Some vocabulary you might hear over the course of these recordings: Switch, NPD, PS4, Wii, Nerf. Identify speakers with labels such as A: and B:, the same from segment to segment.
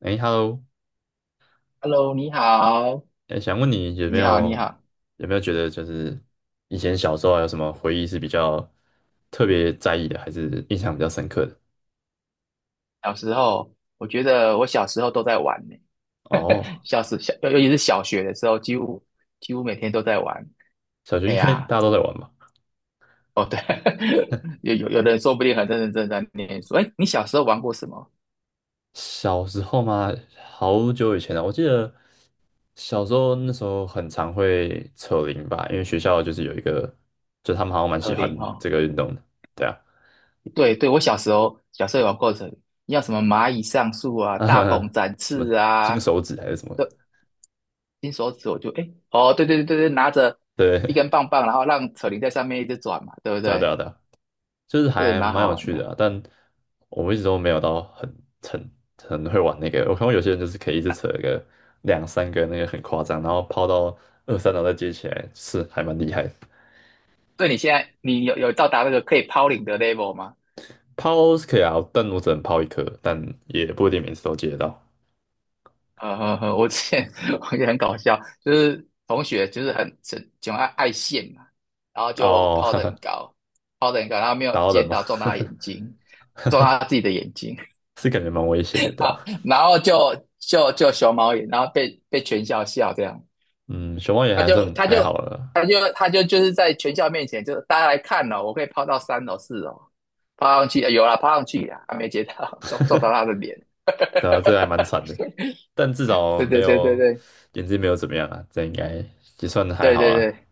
A: 哎，Hello，
B: Hello，你好，
A: 哎，想问你有没
B: 你好，你
A: 有
B: 好。
A: 有没有觉得就是以前小时候啊有什么回忆是比较特别在意的，还是印象比较深刻的？
B: 小时候，我觉得我小时候都在玩呢，
A: 哦，
B: 小时小，尤其是小学的时候，几乎每天都在玩。
A: 小学
B: 哎
A: 应该
B: 呀，
A: 大家都在玩吧？
B: 哦对，有的人说不定很认认真真在念书。哎，你小时候玩过什么？
A: 小时候嘛，好久以前了，我记得小时候那时候很常会扯铃吧，因为学校就是有一个，就他们好像蛮喜
B: 扯
A: 欢
B: 铃哦，
A: 这个运动的，对啊，
B: 对对，我小时候有玩过扯铃，像什么蚂蚁上树 啊、大
A: 呃，
B: 鹏展
A: 什么
B: 翅啊，
A: 金手指还是什么
B: 这金手指我就哦对对对对对，拿着
A: 的
B: 一
A: 对，
B: 根棒棒，然后让扯铃在上面一直转嘛，对不
A: 对啊，对
B: 对？
A: 啊，对啊，就是
B: 这也
A: 还
B: 蛮
A: 蛮
B: 好
A: 有
B: 玩
A: 趣
B: 的。
A: 的啊，但我一直都没有到很很会玩那个。我看过有些人就是可以一直扯一个两三个那个很夸张，然后抛到二三楼再接起来，是还蛮厉害的。
B: 对你现在你有到达那个可以抛领的 level 吗？
A: 抛是可以啊，但我只能抛一颗，但也不一定每次都接得到。
B: 呵呵我之前 我也很搞笑，就是同学就是很喜爱线嘛，然后就
A: 哦，
B: 抛
A: 哈
B: 得
A: 哈，
B: 很高，抛得很高，然后没
A: 打
B: 有
A: 到
B: 接
A: 人嘛，
B: 到，撞到他眼睛，撞到他自己的眼睛
A: 是感觉蛮危险的，对
B: 啊，
A: 吧？
B: 然后就熊猫眼，然后被全校笑这样，
A: 嗯，熊猫也
B: 他
A: 还
B: 就
A: 算
B: 他
A: 还
B: 就
A: 好了，
B: 他就他就就是在全校面前，就是大家来看哦，我可以抛到三楼四楼，抛上去有啦，抛上去啦，还没接到，撞到他的 脸，
A: 对啊，这个还蛮惨的，但至少
B: 对
A: 没
B: 对对对
A: 有
B: 对。
A: 眼睛没有怎么样啊，这应该也算还
B: 对
A: 好
B: 对
A: 啦。
B: 对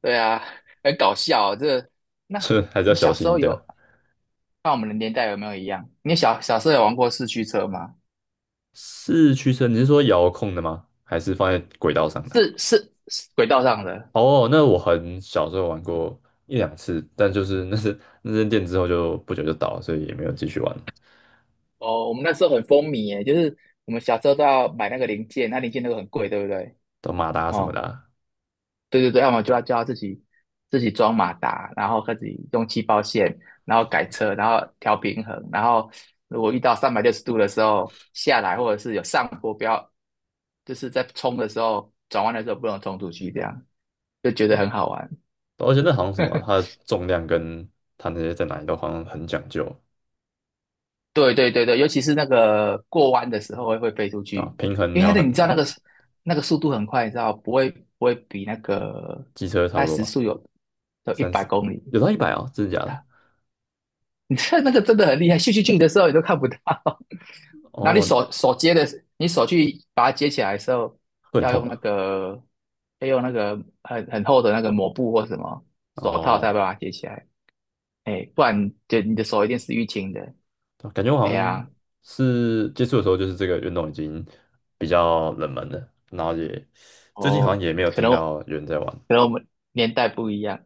B: 对啊，很搞笑哦那
A: 是还是要
B: 你
A: 小
B: 小
A: 心
B: 时
A: 一
B: 候
A: 点。
B: 有看我们的年代有没有一样？你小时候有玩过四驱车吗？
A: 四驱车，你是说遥控的吗？还是放在轨道上的？
B: 是是是轨道上的
A: 哦，那我很小时候玩过一两次，但就是那是 那间店之后就不久就倒了，所以也没有继续玩。
B: 哦。我们那时候很风靡耶，就是我们小时候都要买那个零件，那零件那个很贵，对不对？
A: 到马达什么
B: 哦，
A: 的啊，
B: 对对对，要么就要自己装马达，然后自己用气泡线，然后改车，然后调平衡，然后如果遇到360度的时候下来，或者是有上坡，不要就是在冲的时候，转弯的时候不能冲出去，这样就觉得很
A: 啊
B: 好玩。
A: 而且那好像什么，它的重量跟它那些在哪里都好像很讲究，
B: 对对对对，尤其是那个过弯的时候会飞出
A: 对吧？
B: 去，
A: 平衡
B: 因为那
A: 要
B: 个
A: 很
B: 你知道那
A: 难，
B: 个那个速度很快，你知道不会比那个
A: 机车差
B: 大
A: 不
B: 概
A: 多
B: 时
A: 吧，
B: 速有一
A: 三
B: 百
A: 十
B: 公里，
A: 有到一百哦，真的假的？
B: 你知道那个真的很厉害，咻咻咻的时候你都看不到，然后你
A: 哦，
B: 手接的，你手去把它接起来的时候，
A: 会很
B: 要
A: 痛
B: 用那
A: 吧？
B: 个要用那个很厚的那个抹布或什么手套才
A: 哦，
B: 把它接起来。哎，不然就你的手一定是淤青的。
A: 对啊感觉我好
B: 哎
A: 像
B: 呀，
A: 是接触的时候，就是这个运动已经比较冷门了，然后也最近好像
B: 哦，
A: 也没有
B: 可
A: 听
B: 能
A: 到有人在玩。
B: 可能我们年代不一样。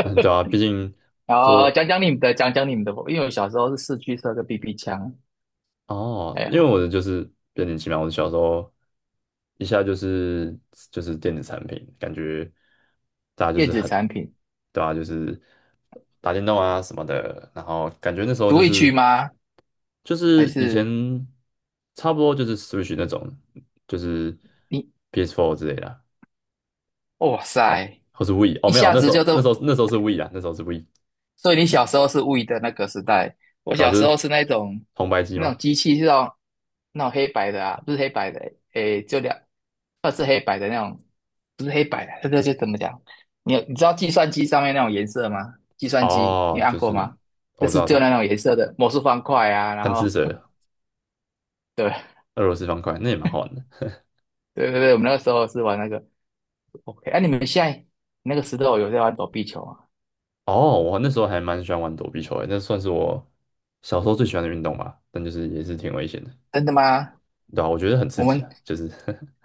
A: 嗯，对啊，毕竟
B: 然后
A: 就
B: 讲讲你们的，因为我小时候是四驱车跟 BB 枪。
A: 哦，
B: 哎
A: 因为我
B: 呀，
A: 的就是变年轻嘛，我小时候一下就是电子产品，感觉大家就
B: 电
A: 是
B: 子
A: 很
B: 产品，
A: 对啊，就是打电动啊什么的，然后感觉那时候
B: 独
A: 就
B: 立区
A: 是。
B: 吗？
A: 就
B: 还
A: 是以前
B: 是
A: 差不多就是 Switch 那种，就是
B: 你？
A: PS4 之类的啊，
B: 哇塞，
A: 或是 Wii 哦，
B: 一
A: 没有，
B: 下
A: 那时
B: 子就
A: 候是 Wii 啦，那时候是 Wii，
B: 所以你小时候是 w 的那个时代，我
A: 对啊，
B: 小
A: 就
B: 时候
A: 是
B: 是那种
A: 红白机
B: 那
A: 吗？
B: 种机器是那种那种黑白的啊，不是黑白的，诶，就两，二是黑白的那种，不是黑白的，这个就怎么讲？你知道计算机上面那种颜色吗？计算机你
A: 哦，
B: 按
A: 就
B: 过
A: 是
B: 吗？
A: 我知道，知
B: 就那
A: 道，
B: 种颜色的魔术方块啊，然
A: 贪
B: 后
A: 吃蛇、
B: 对
A: 俄罗斯方块，那也蛮好玩的。
B: 对对对，我们那个时候是玩那个 OK,你们现在那个时候有在玩躲避球啊？
A: 哦，我那时候还蛮喜欢玩躲避球的，那算是我小时候最喜欢的运动吧，但就是也是挺危险的，
B: 真的吗？
A: 对啊，我觉得很刺
B: 我
A: 激
B: 们
A: 啊，就是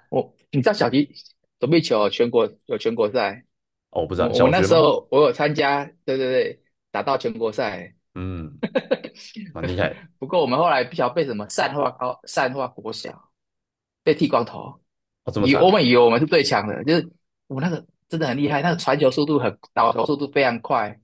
B: 我你知道小鸡躲避球全国有全国赛。
A: 哦，我不知道
B: 我
A: 小
B: 那
A: 学
B: 时
A: 吗？
B: 候我有参加，对对对，打到全国赛，
A: 嗯，蛮厉害的，
B: 不过我们后来不晓得被什么善化高、善化国小被剃光头，
A: 哦，这么惨
B: 我
A: 啊，
B: 们以为我们是最强的，就是我那个真的很厉害，那个传球速度很，倒球速度非常快，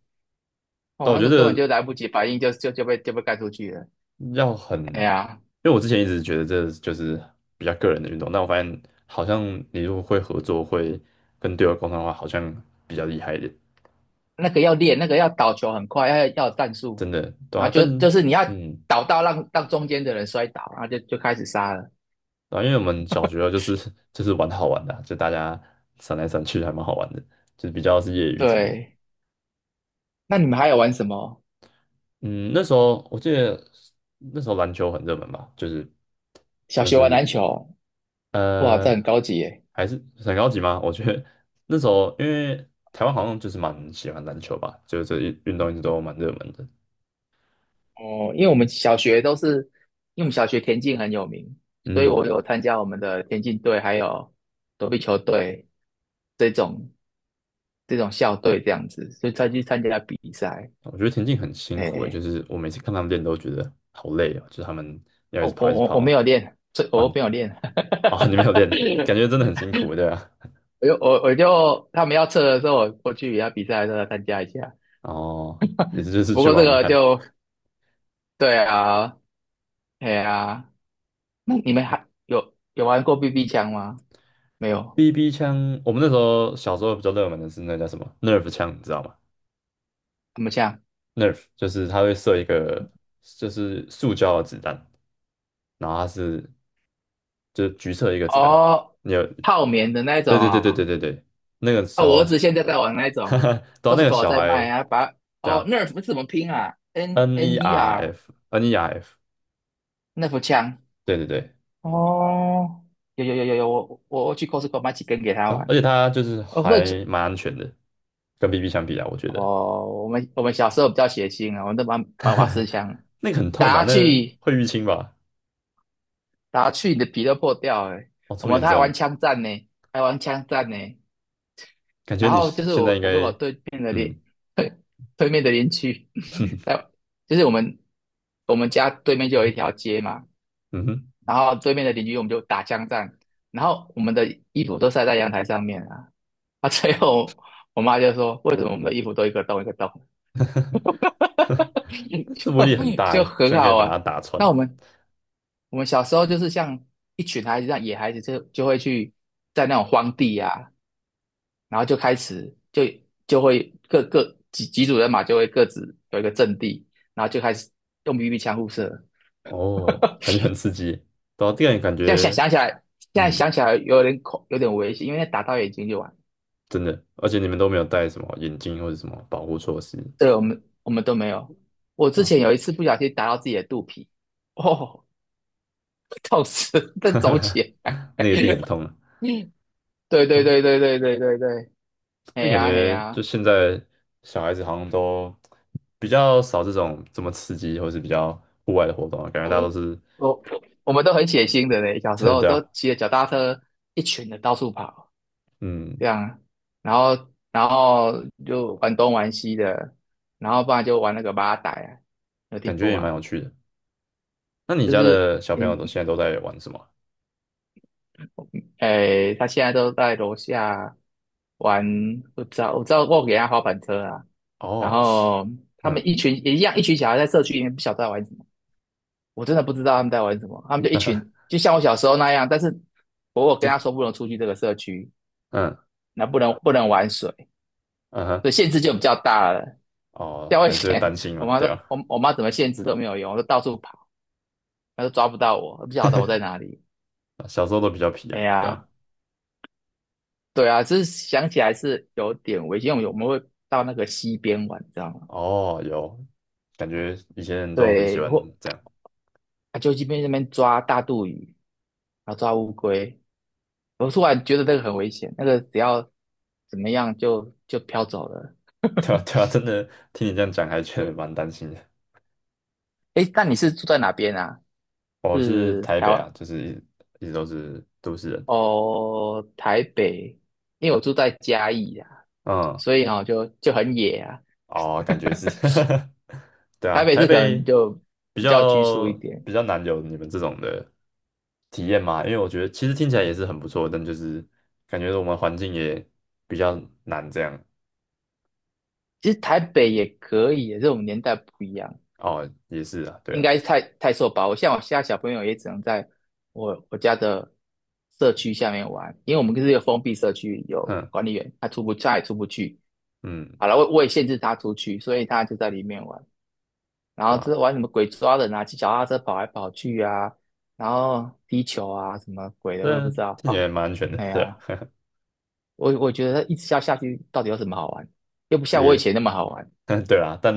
B: 哦，
A: 但我
B: 那
A: 觉
B: 个根本
A: 得。
B: 就来不及反应就被干出去了。
A: 要很，
B: 哎
A: 因
B: 呀，
A: 为我之前一直觉得这就是比较个人的运动，但我发现好像你如果会合作，会跟队友沟通的话，好像比较厉害一点，
B: 那个要练，那个要倒球很快，要有战术，
A: 真的，对
B: 然
A: 啊，
B: 后
A: 但
B: 就是你要
A: 嗯，
B: 倒到让中间的人摔倒，然后就开始杀了。
A: 对啊，因为我们小学啊就是 就是玩好玩的啊就大家闪来闪去，还蛮好玩的，就是比较是业余级的。
B: 对，那你们还有玩什么？
A: 嗯，那时候我记得那时候篮球很热门吧，就是
B: 小
A: 算
B: 学玩
A: 是
B: 篮球。哇，这
A: 呃，
B: 很高级耶！
A: 还是很高级吗？我觉得那时候因为台湾好像就是蛮喜欢篮球吧，就是这一运动一直都蛮热门的。
B: 哦，因为我们小学田径很有名，所以我
A: 嗯，
B: 有参加我们的田径队，还有躲避球队这种这种校队这样子，所以才去参加比赛。
A: 我觉得田径很辛苦诶，就
B: 哎，
A: 是我每次看他们练都觉得好累哦，就是他们要一
B: 我
A: 直跑
B: 我
A: 一直
B: 我我没有
A: 跑。
B: 练，
A: 哦
B: 我
A: 你
B: 没有练，
A: 哦，你没有练，感觉真的很辛苦，对啊。
B: 我就我我就他们要测的时候，我去比赛的时候参加一下。
A: 哦，也是就是
B: 不
A: 去
B: 过这
A: 玩玩
B: 个
A: 看。
B: 就对啊，哎啊，那你们还有玩过 BB 枪吗？没有，
A: BB 枪，我们那时候小时候比较热门的是那叫什么 Nerf 枪，你知道吗？
B: 什么枪？
A: Nerf 就是它会射一个就是塑胶的子弹，然后它是就是橘色一个子弹，
B: 哦，
A: 你有？
B: 泡棉的那种
A: 对对对对对
B: 哦，
A: 对对，那个时
B: 哦，我
A: 候，
B: 儿子现在在玩那
A: 哈
B: 种
A: 哈，到那个
B: ，Costco
A: 小
B: 在卖
A: 孩，
B: 啊，
A: 对
B: 哦
A: 啊
B: Nerf 是怎么拼啊？N
A: ，N E
B: N E
A: R
B: R
A: F N E R F，
B: Nerf 枪
A: 对对对，
B: 哦，有有有有有，我去 Costco 买几根给他
A: 啊，
B: 玩。
A: 而且它就是
B: 哦，不是，
A: 还蛮安全的，跟 BB 相比啊，我觉得
B: 哦，我们小时候比较血腥啊，我们都玩瓦斯枪，
A: 那个很痛
B: 打
A: 吧，
B: 下
A: 那个
B: 去
A: 会淤青吧，
B: 打下去你的皮都破掉了。
A: 哦，这么严
B: 他还玩
A: 重，
B: 枪战呢，还玩枪战呢。
A: 感觉
B: 然
A: 你
B: 后就是
A: 现在
B: 我
A: 应该，
B: 我跟我对面的
A: 嗯
B: 对面的邻居，在就是我们家对面就有一条街嘛，
A: 嗯哼。
B: 然后对面的邻居我们就打枪战，然后我们的衣服都晒在阳台上面啊，啊，最后我妈就说为什么我们的衣服都一个洞一个洞，
A: 这威
B: 就
A: 力很大，
B: 就
A: 居
B: 很
A: 然可以
B: 好
A: 把它
B: 玩。
A: 打穿。
B: 那我们小时候就是像一群孩子，像野孩子就会去在那种荒地啊，然后就开始就就会各各几组人马就会各自有一个阵地，然后就开始用 BB 枪互射。
A: 哦，感觉很刺激耶。对啊，这样感
B: 现在想
A: 觉，
B: 想起来，现在
A: 嗯，
B: 想起来有点危险，因为打到眼睛就完。
A: 真的。而且你们都没有戴什么眼镜或者什么保护措施，
B: 对，我们都没有。我
A: 对
B: 之
A: 啊，
B: 前有一次不小心打到自己的肚皮，哦，痛死，再走起 来。
A: 那个一定很 痛啊。
B: 对
A: 对
B: 对
A: 啊，
B: 对对对对对对，嘿
A: 但感
B: 呀嘿
A: 觉就
B: 呀，
A: 现在小孩子好像都比较少这种这么刺激或是比较户外的活动啊，感觉大家都
B: 我
A: 是
B: 我我我们都很血腥的嘞，小时
A: 真的，
B: 候
A: 对
B: 都
A: 啊，
B: 骑着脚踏车一群的到处跑。这
A: 嗯，
B: 样啊，然后就玩东玩西的，然后不然就玩那个八仔啊，有
A: 感
B: 听
A: 觉
B: 过
A: 也蛮
B: 吗？
A: 有趣的。那你
B: 就
A: 家
B: 是
A: 的小朋
B: 诶
A: 友都现在都在玩什么啊？
B: 他现在都在楼下玩，我知道我知道我给他滑板车啊，然
A: 哦，是
B: 后他们
A: 嗯
B: 一群也一样，一群小孩在社区里面不晓得在玩什么，我真的不知道他们在玩什么，他们就一群 就像我小时候那样，但是我跟他说不能出去这个社区，
A: 嗯嗯
B: 那不能玩水，
A: 嗯
B: 所以限制就比较大了。
A: 哦，
B: 教危
A: 还是会
B: 前，
A: 担心
B: 我
A: 嘛，
B: 妈
A: 对
B: 说，
A: 啊，
B: 我妈怎么限制都没有用，我都到处跑，她都抓不到我，不晓得我在哪里。
A: 小时候都比较皮
B: 哎
A: 啊，对
B: 呀，
A: 啊，
B: 对啊，就是想起来是有点危险，因为我们会到那个溪边玩，你知道吗？
A: 哦，有，感觉以前人都很喜
B: 对，
A: 欢
B: 或
A: 这样，
B: 啊就这边那边抓大肚鱼，然后抓乌龟。我突然觉得那个很危险，那个只要怎么样就飘走了。
A: 对啊，对啊，真的听你这样讲，还觉得蛮担心的。
B: 哎，那你是住在哪边啊？
A: 我是
B: 是
A: 台
B: 台
A: 北啊，
B: 湾
A: 就是一直都是都市人，
B: 哦，台北，因为我住在嘉义啊，
A: 嗯，
B: 所以就很野啊。
A: 哦，感觉是，对啊，
B: 台北
A: 台
B: 是可能
A: 北
B: 就
A: 比
B: 比较拘束
A: 较
B: 一点，
A: 难有你们这种的体验嘛，因为我觉得其实听起来也是很不错，但就是感觉我们环境也比较难这样，
B: 其实台北也可以，这种年代不一样，
A: 哦，也是啊，对
B: 应
A: 了。
B: 该太受保护。像我现在小朋友也只能在我家的社区下面玩，因为我们是一个封闭社区，有
A: 嗯。
B: 管理员，他也出不去。
A: 嗯，
B: 好了，我也限制他出去，所以他就在里面玩。然
A: 对
B: 后就是
A: 啊，
B: 玩什么鬼抓人啊，骑脚踏车跑来跑去啊，然后踢球啊，什么鬼的，我也
A: 这
B: 不知道。
A: 听起
B: 哦，
A: 来蛮安全的，
B: 哎
A: 对，
B: 呀，我觉得一直下去到底有什么好玩？又不像我以
A: 也，
B: 前那么好玩。
A: 对啊，但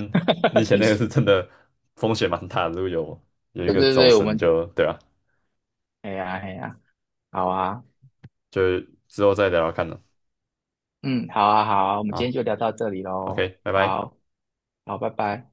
A: 你以前那个是真 的风险蛮大的，如果有一
B: 对
A: 个
B: 对
A: 走
B: 对，
A: 神就，对啊，
B: 哎呀哎呀，好啊，
A: 就之后再聊聊看了，
B: 嗯，好啊好啊，我们今天
A: 好
B: 就聊到这里喽。
A: ，OK，拜拜。
B: 好，好，拜拜。